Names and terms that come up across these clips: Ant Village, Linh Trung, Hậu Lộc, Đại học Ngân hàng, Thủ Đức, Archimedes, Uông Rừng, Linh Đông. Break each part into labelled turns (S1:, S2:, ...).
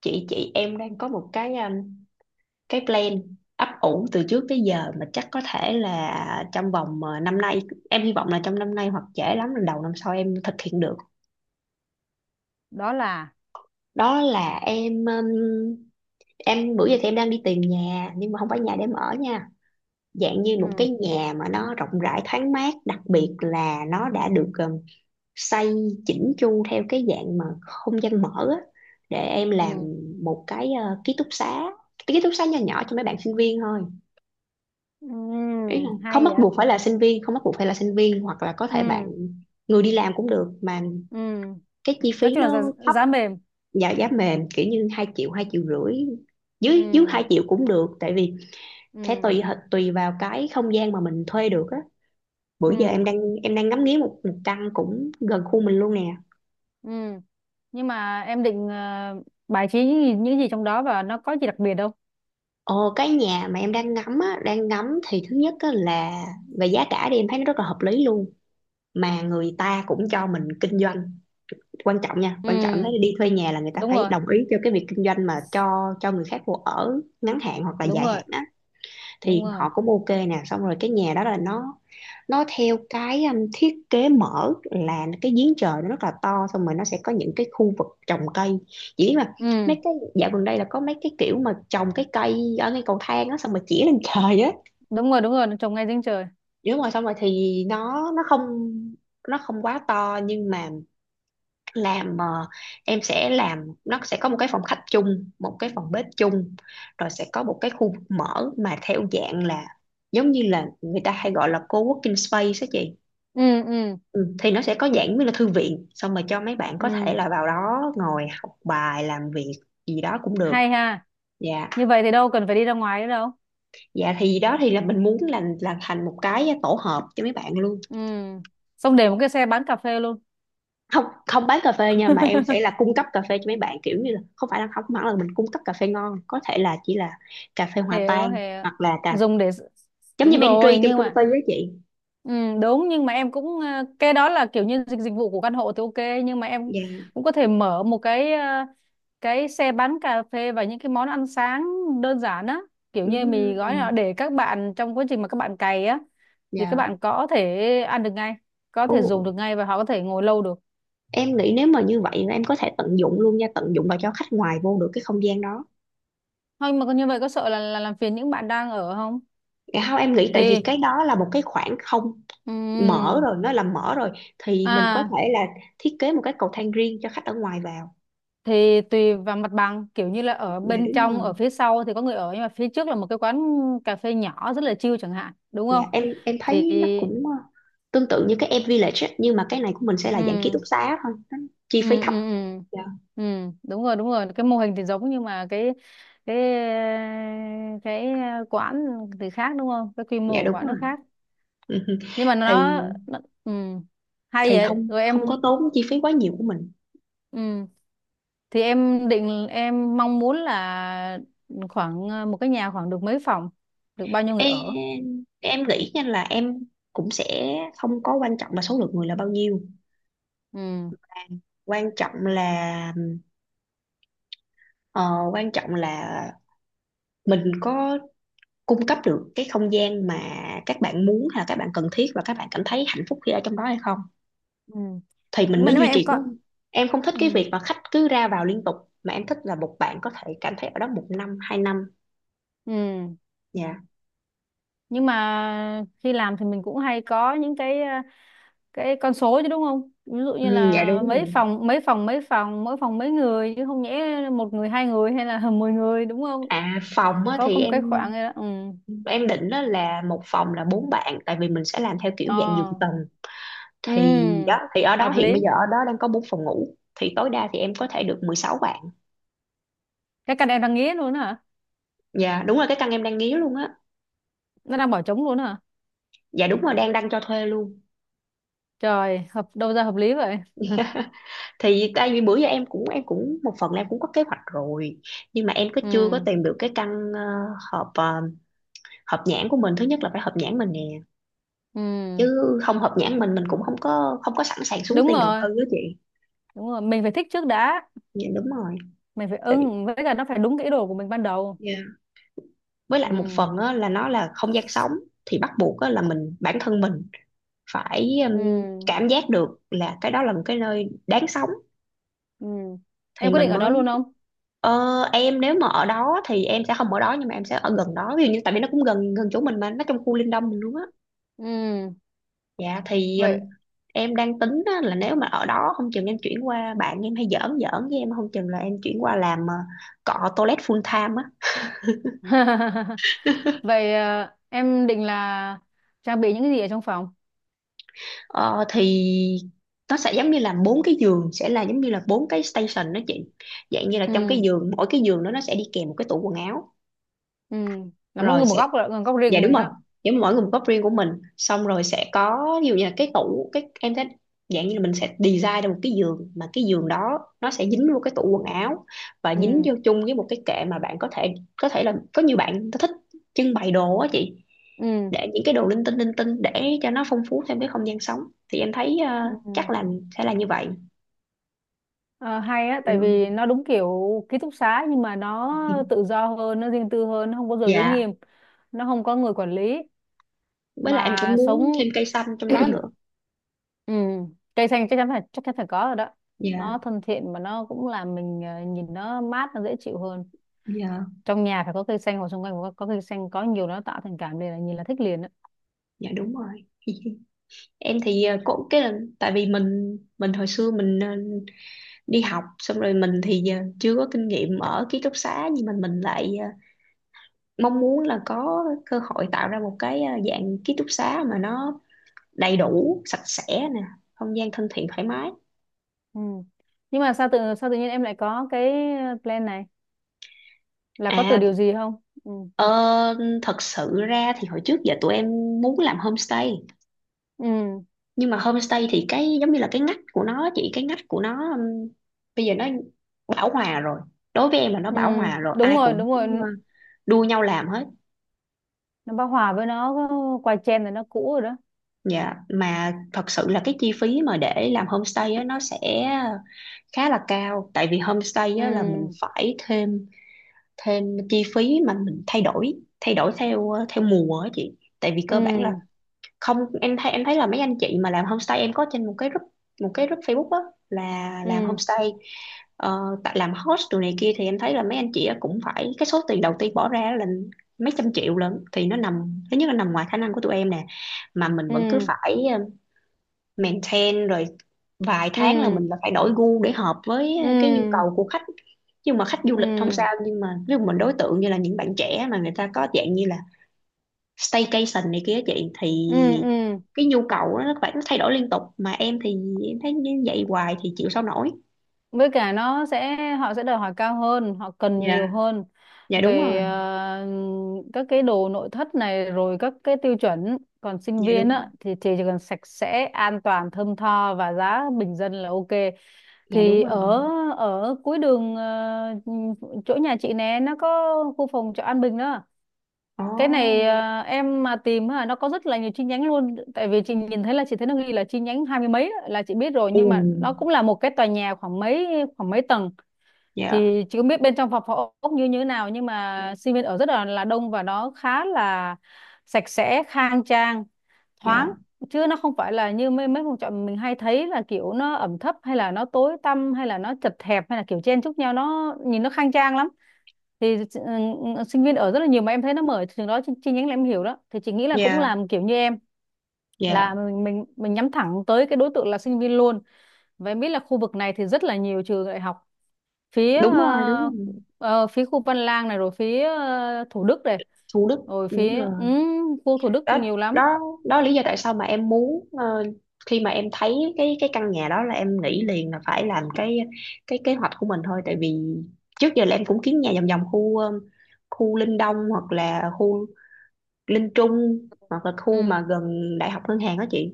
S1: Chị em đang có một cái plan ấp ủ từ trước tới giờ, mà chắc có thể là trong vòng năm nay. Em hy vọng là trong năm nay hoặc trễ lắm là đầu năm sau em thực hiện được.
S2: Đó là
S1: Đó là em bữa giờ thì em đang đi tìm nhà, nhưng mà không phải nhà để em ở nha, dạng như một
S2: ừ
S1: cái nhà mà nó rộng rãi thoáng mát, đặc biệt là nó đã được xây chỉnh chu theo cái dạng mà không gian mở á, để em làm
S2: ừ
S1: một cái ký túc xá, cái ký túc xá nhỏ nhỏ cho mấy bạn sinh viên thôi.
S2: ừ
S1: Ý là không
S2: hay
S1: bắt
S2: vậy.
S1: buộc phải là sinh viên, không bắt buộc phải là sinh viên, hoặc là có
S2: ừ
S1: thể bạn người đi làm cũng được, mà
S2: ừ
S1: cái chi
S2: nói
S1: phí
S2: chung là giá,
S1: nó thấp
S2: giá mềm.
S1: và giá mềm, kiểu như 2 triệu, 2,5 triệu, dưới dưới
S2: ừ
S1: 2 triệu cũng được, tại vì sẽ
S2: ừ
S1: tùy vào cái không gian mà mình thuê được á. Bữa giờ em
S2: ừ
S1: đang em đang ngắm nghía một căn cũng gần khu mình luôn nè.
S2: ừ nhưng mà em định bài trí những gì trong đó và nó có gì đặc biệt đâu?
S1: Ồ, cái nhà mà em đang ngắm á, đang ngắm thì thứ nhất á là về giá cả thì em thấy nó rất là hợp lý luôn, mà người ta cũng cho mình kinh doanh. Quan trọng nha,
S2: ừ
S1: quan trọng, nếu đi thuê nhà là người ta
S2: đúng
S1: phải
S2: rồi,
S1: đồng ý cho cái việc kinh doanh mà cho người khác vô ở ngắn hạn hoặc là
S2: đúng
S1: dài hạn
S2: rồi.
S1: á,
S2: Đúng
S1: thì
S2: rồi.
S1: họ cũng ok nè. Xong rồi cái nhà đó là nó theo cái thiết kế mở, là cái giếng trời nó rất là to, xong rồi nó sẽ có những cái khu vực trồng cây. Chỉ biết mà,
S2: Ừ
S1: mấy cái dạo gần đây là có mấy cái kiểu mà trồng cái cây ở ngay cầu thang á, xong rồi chỉ lên trời á.
S2: đúng rồi đúng rồi, nó trồng ngay giếng trời.
S1: Đúng rồi, xong rồi thì nó không quá to, nhưng mà làm ờ, em sẽ làm nó sẽ có một cái phòng khách chung, một cái phòng bếp chung, rồi sẽ có một cái khu vực mở mà theo dạng là giống như là người ta hay gọi là co-working space đó chị.
S2: ừ ừ
S1: Ừ, thì nó sẽ có dạng như là thư viện, xong rồi cho mấy bạn có thể
S2: ừ
S1: là vào đó ngồi học bài, làm việc gì đó cũng được.
S2: Hay ha.
S1: Dạ,
S2: Như vậy thì đâu cần phải đi ra ngoài nữa đâu.
S1: dạ, thì đó thì là mình muốn là thành một cái tổ hợp cho mấy bạn luôn.
S2: Ừ, xong để một cái xe bán cà phê luôn.
S1: Không, không bán cà phê nha, mà em sẽ là cung cấp cà phê cho mấy bạn, kiểu như là không phải là, không hẳn là mình cung cấp cà phê ngon, có thể là chỉ là cà phê hòa
S2: Hiểu,
S1: tan,
S2: hiểu.
S1: hoặc là
S2: Dùng để
S1: giống như
S2: đúng
S1: pantry
S2: rồi.
S1: trong
S2: Nhưng
S1: công
S2: mà
S1: ty với chị.
S2: ừ, đúng, nhưng mà em cũng cái đó là kiểu như dịch dịch vụ của căn hộ thì ok, nhưng mà em
S1: Dạ.
S2: cũng có thể mở một cái cái xe bán cà phê và những cái món ăn sáng đơn giản á, kiểu như mì gói nào
S1: Ừm.
S2: để các bạn trong quá trình mà các bạn cày á thì các
S1: Dạ.
S2: bạn có thể ăn được ngay, có
S1: Ồ,
S2: thể dùng được ngay và họ có thể ngồi lâu được.
S1: em nghĩ nếu mà như vậy là em có thể tận dụng luôn nha, tận dụng và cho khách ngoài vô được cái không gian đó.
S2: Thôi mà như vậy có sợ là làm phiền những bạn đang ở không?
S1: Dạ không, em nghĩ tại vì
S2: Thì
S1: cái đó là một cái khoảng không mở
S2: ừm,
S1: rồi, nó là mở rồi, thì mình có
S2: à,
S1: thể là thiết kế một cái cầu thang riêng cho khách ở ngoài vào.
S2: thì tùy vào mặt bằng, kiểu như là ở
S1: Dạ
S2: bên
S1: đúng
S2: trong
S1: rồi.
S2: ở phía sau thì có người ở, nhưng mà phía trước là một cái quán cà phê nhỏ rất là chill chẳng hạn, đúng
S1: Dạ,
S2: không?
S1: em
S2: Thì
S1: thấy nó cũng tương tự như cái Ant Village á, nhưng mà cái này của mình sẽ là dạng ký
S2: ừ
S1: túc xá thôi, nó chi
S2: ừ
S1: phí
S2: ừ
S1: thấp.
S2: ừ
S1: Dạ,
S2: ừ đúng rồi, đúng rồi, cái mô hình thì giống, nhưng mà cái ờ, cái quán thì khác, đúng không? Cái quy mô
S1: dạ
S2: của
S1: đúng
S2: quán nó
S1: rồi.
S2: khác. Nhưng mà
S1: Thì
S2: nó ừ, hay
S1: thì
S2: vậy.
S1: không,
S2: Rồi
S1: không
S2: em
S1: có tốn chi phí quá nhiều của mình.
S2: ừ thì em định, em mong muốn là khoảng một cái nhà khoảng được mấy phòng, được bao nhiêu người
S1: Em
S2: ở?
S1: em nghĩ nha là em cũng sẽ không có quan trọng là số lượng người là bao nhiêu,
S2: ừ
S1: quan trọng là, ờ, quan trọng là mình có cung cấp được cái không gian mà các bạn muốn, hay là các bạn cần thiết, và các bạn cảm thấy hạnh phúc khi ở trong đó hay không,
S2: ừ.
S1: thì mình
S2: Nhưng mà
S1: mới
S2: nếu mà
S1: duy
S2: em
S1: trì có.
S2: có
S1: Em không thích
S2: ừ.
S1: cái việc mà khách cứ ra vào liên tục, mà em thích là một bạn có thể cảm thấy ở đó một năm, 2 năm.
S2: ừ
S1: Dạ.
S2: nhưng mà khi làm thì mình cũng hay có những cái cái con số chứ, đúng không? Ví dụ như
S1: Ừ, dạ
S2: là
S1: đúng rồi.
S2: mấy phòng, mỗi phòng mấy người, chứ không nhẽ một người, hai người hay là mười người, đúng không?
S1: À, phòng á,
S2: Có
S1: thì
S2: có một
S1: em
S2: cái khoảng ấy đó. Ừ
S1: em định đó là một phòng là bốn bạn, tại vì mình sẽ làm theo kiểu dạng
S2: ờ
S1: giường tầng. Thì đó
S2: ừ
S1: thì ở đó
S2: Hợp
S1: hiện bây
S2: lý.
S1: giờ ở đó đang có bốn phòng ngủ, thì tối đa thì em có thể được 16 bạn.
S2: Cái căn em đang nghĩ luôn hả?
S1: Dạ đúng rồi, cái căn em đang nghía luôn á.
S2: Nó đang bỏ trống luôn hả?
S1: Dạ đúng rồi, đang đăng cho thuê luôn.
S2: Trời, hợp đâu ra hợp lý vậy.
S1: Thì tại vì bữa giờ em cũng một phần là em cũng có kế hoạch rồi, nhưng mà em chưa có
S2: ừ
S1: tìm được cái căn ờ, hợp ờ, hợp nhãn của mình. Thứ nhất là phải hợp nhãn mình nè,
S2: ừ
S1: chứ không hợp nhãn mình cũng không có sẵn sàng xuống
S2: Đúng
S1: tiền đầu
S2: rồi,
S1: tư đó chị.
S2: đúng rồi, mình phải thích trước đã.
S1: Dạ đúng rồi.
S2: Mình phải
S1: Tại vì,
S2: ưng, với cả nó phải đúng cái ý đồ của mình ban đầu.
S1: dạ, với lại một
S2: ừ
S1: phần á, là nó là không gian sống, thì bắt buộc á, là mình bản thân mình phải
S2: ừ
S1: cảm giác được là cái đó là một cái nơi đáng sống,
S2: ừ em
S1: thì
S2: quyết định
S1: mình
S2: ở đó
S1: mới.
S2: luôn không?
S1: Em nếu mà ở đó thì em sẽ không ở đó, nhưng mà em sẽ ở gần đó, ví dụ như, tại vì nó cũng gần gần chỗ mình, mà nó trong khu Linh Đông mình luôn á.
S2: ừ
S1: Dạ, thì
S2: Vậy.
S1: em đang tính á, là nếu mà ở đó không chừng em chuyển qua, bạn em hay giỡn giỡn với em không chừng là em chuyển qua làm cọ toilet full time á.
S2: Vậy em định là trang bị những cái gì ở trong phòng?
S1: Ờ, thì nó sẽ giống như là bốn cái giường sẽ là giống như là bốn cái station đó chị. Dạng như là trong cái
S2: ừ
S1: giường, mỗi cái giường đó nó sẽ đi kèm một cái tủ quần áo.
S2: ừ là mỗi
S1: Rồi
S2: người một
S1: sẽ
S2: góc rồi, góc riêng
S1: Dạ
S2: của
S1: đúng
S2: mình
S1: rồi,
S2: đó.
S1: nếu mà mỗi người một góc riêng của mình, xong rồi sẽ có ví dụ như là cái tủ, cái em thấy dạng như là mình sẽ design ra một cái giường, mà cái giường đó nó sẽ dính vô cái tủ quần áo, và dính
S2: ừ
S1: vô chung với một cái kệ, mà bạn có thể là có nhiều bạn thích trưng bày đồ á chị,
S2: ừ
S1: để những cái đồ linh tinh để cho nó phong phú thêm cái không gian sống. Thì em thấy chắc
S2: ừ
S1: là sẽ là như vậy.
S2: Ờ, hay á, tại vì
S1: Ừ,
S2: nó đúng kiểu ký túc xá nhưng mà nó tự do hơn, nó riêng tư hơn, nó không có giờ giới
S1: dạ,
S2: nghiêm, nó không có người quản lý
S1: với lại em
S2: mà
S1: cũng muốn
S2: sống.
S1: thêm cây xanh trong đó nữa.
S2: Ừ, cây xanh chắc chắn phải, chắc chắn phải có rồi đó. Nó
S1: Dạ.
S2: thân thiện mà nó cũng làm mình nhìn nó mát, nó dễ chịu hơn.
S1: Dạ.
S2: Trong nhà phải có cây xanh, hoặc xung quanh có cây xanh, có nhiều nó tạo thành cảm liền, là nhìn là thích liền đó.
S1: Dạ đúng rồi. Em thì cũng cái là tại vì mình hồi xưa mình đi học, xong rồi mình thì chưa có kinh nghiệm ở ký túc xá, nhưng mà mình lại mong muốn là có cơ hội tạo ra một cái dạng ký túc xá mà nó đầy đủ, sạch sẽ nè, không gian thân thiện, thoải mái.
S2: Ừ. Nhưng mà sao tự, sao tự nhiên em lại có cái plan này, là có từ
S1: À,
S2: điều gì không? Ừ.
S1: ờ, thật sự ra thì hồi trước giờ tụi em muốn làm homestay,
S2: Ừ.
S1: nhưng mà homestay thì cái giống như là cái ngách của nó chị, cái ngách của nó bây giờ nó bão hòa rồi, đối với em là nó
S2: Ừ.
S1: bão hòa rồi,
S2: Đúng
S1: ai
S2: rồi,
S1: cũng
S2: đúng rồi.
S1: ờ, đua nhau làm hết.
S2: Nó bao hòa với nó có quay chen rồi, nó cũ rồi đó.
S1: Dạ, mà thật sự là cái chi phí mà để làm homestay á, nó sẽ khá là cao, tại vì homestay
S2: Ừ.
S1: á, là mình phải thêm thêm chi phí, mà mình thay đổi theo theo mùa á chị. Tại vì
S2: Ừ.
S1: cơ bản là không, em thấy là mấy anh chị mà làm homestay, em có trên một cái group Facebook á là làm
S2: Ừ.
S1: homestay, ờ, tại làm host đồ này kia, thì em thấy là mấy anh chị á cũng phải, cái số tiền đầu tiên bỏ ra là mấy trăm triệu lận, thì nó nằm thứ nhất là nằm ngoài khả năng của tụi em nè, mà mình vẫn cứ
S2: Ừ.
S1: phải maintain, rồi vài tháng là
S2: Ừ.
S1: mình là phải đổi gu để hợp với
S2: Ừ.
S1: cái nhu
S2: Ừ.
S1: cầu của khách. Nhưng mà khách du lịch không
S2: Ừ.
S1: sao, nhưng mà ví dụ mình đối tượng như là những bạn trẻ mà người ta có dạng như là staycation này kia chị, thì
S2: Ừ. Ừ. Ừ.
S1: cái nhu cầu đó, nó phải nó thay đổi liên tục, mà em thì em thấy như vậy hoài thì chịu sao nổi.
S2: Với cả nó sẽ, họ sẽ đòi hỏi cao hơn, họ cần
S1: Dạ.
S2: nhiều hơn
S1: Dạ đúng
S2: về
S1: rồi.
S2: các cái đồ nội thất này, rồi các cái tiêu chuẩn. Còn sinh
S1: Dạ
S2: viên
S1: đúng rồi.
S2: á thì chỉ cần sạch sẽ, an toàn, thơm tho và giá bình dân là ok.
S1: Dạ đúng
S2: Thì
S1: rồi.
S2: ở ở cuối đường chỗ nhà chị nè, nó có khu phòng trọ An Bình đó. Cái này
S1: Oh.
S2: em mà tìm á, nó có rất là nhiều chi nhánh luôn. Tại vì chị nhìn thấy, là chị thấy nó ghi là chi nhánh hai mươi mấy á, là chị biết rồi,
S1: Ừ.
S2: nhưng mà nó cũng là một cái tòa nhà khoảng mấy, khoảng mấy tầng.
S1: Dạ.
S2: Thì chị không biết bên trong phòng phòng ốc như như thế nào, nhưng mà sinh viên ở rất là đông, và nó khá là sạch sẽ, khang trang, thoáng.
S1: Dạ.
S2: Chứ nó không phải là như mấy mấy phòng trọ mình hay thấy, là kiểu nó ẩm thấp, hay là nó tối tăm, hay là nó chật hẹp, hay là kiểu chen chúc nhau. Nó nhìn nó khang trang lắm. Thì ừ, ừ, sinh viên ở rất là nhiều, mà em thấy nó mở trường đó chi, chi nhánh là em hiểu đó. Thì chị nghĩ là cũng
S1: Dạ.
S2: làm kiểu như em,
S1: Dạ
S2: là mình mình nhắm thẳng tới cái đối tượng là sinh viên luôn. Và em biết là khu vực này thì rất là nhiều trường đại học, phía
S1: đúng rồi, đúng rồi.
S2: phía khu Văn Lang này, rồi phía Thủ Đức này,
S1: Thủ Đức.
S2: rồi
S1: Đúng
S2: phía
S1: rồi.
S2: khu Thủ Đức
S1: Đó,
S2: nhiều lắm.
S1: đó, đó là lý do tại sao mà em muốn, khi mà em thấy cái căn nhà đó là em nghĩ liền là phải làm cái kế hoạch của mình thôi. Tại vì trước giờ là em cũng kiếm nhà vòng vòng khu Linh Đông, hoặc là khu Linh Trung, hoặc là khu mà
S2: Ừ.
S1: gần Đại học Ngân hàng đó chị.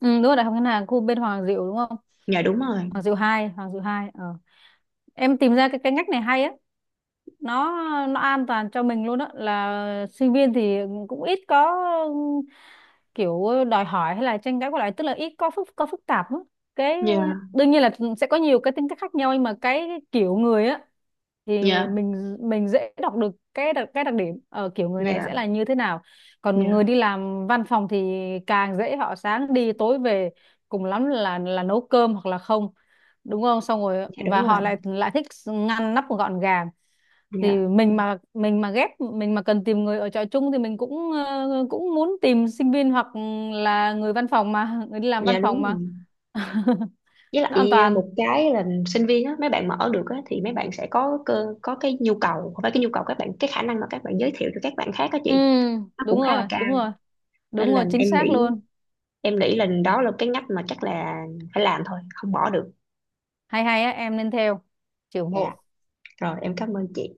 S2: Ừ đúng rồi, Đại học Ngân hàng khu bên Hoàng Diệu đúng không?
S1: Dạ đúng rồi.
S2: Hoàng Diệu hai, Hoàng Diệu 2 ờ. Em tìm ra cái ngách này hay á. nó nó an toàn cho mình luôn á, là sinh viên thì cũng ít có kiểu đòi hỏi hay là tranh cãi qua lại, tức là ít có phức tạp á. Cái
S1: Dạ.
S2: đương nhiên là sẽ có nhiều cái tính cách khác nhau, nhưng mà cái kiểu người á thì
S1: Dạ.
S2: mình dễ đọc được cái đặc điểm ở kiểu người này sẽ
S1: Dạ.
S2: là như thế nào. Còn
S1: Dạ.
S2: người đi làm văn phòng thì càng dễ, họ sáng đi tối về, cùng lắm là nấu cơm hoặc là không, đúng không? Xong rồi
S1: Dạ đúng
S2: và
S1: rồi.
S2: họ lại lại thích ngăn nắp gọn gàng. Thì
S1: Dạ.
S2: mình mà, mình mà ghép, mình mà cần tìm người ở trọ chung thì mình cũng cũng muốn tìm sinh viên, hoặc là người văn phòng, mà người đi làm văn
S1: Dạ
S2: phòng
S1: đúng
S2: mà.
S1: rồi. Với
S2: Nó an
S1: lại à,
S2: toàn.
S1: một cái là sinh viên á, mấy bạn mở được á, thì mấy bạn sẽ có cái nhu cầu, không phải cái nhu cầu, các bạn cái khả năng mà các bạn giới thiệu cho các bạn khác á
S2: ừ
S1: chị, nó
S2: Đúng
S1: cũng khá là
S2: rồi, đúng
S1: cao.
S2: rồi.
S1: Nên
S2: Đúng
S1: là
S2: rồi, chính
S1: em
S2: xác
S1: nghĩ
S2: luôn.
S1: em nghĩ là đó là cái ngách mà chắc là phải làm thôi, không bỏ được.
S2: Hay, hay á, em nên theo. Chị ủng
S1: Dạ,
S2: hộ.
S1: rồi em cảm ơn chị.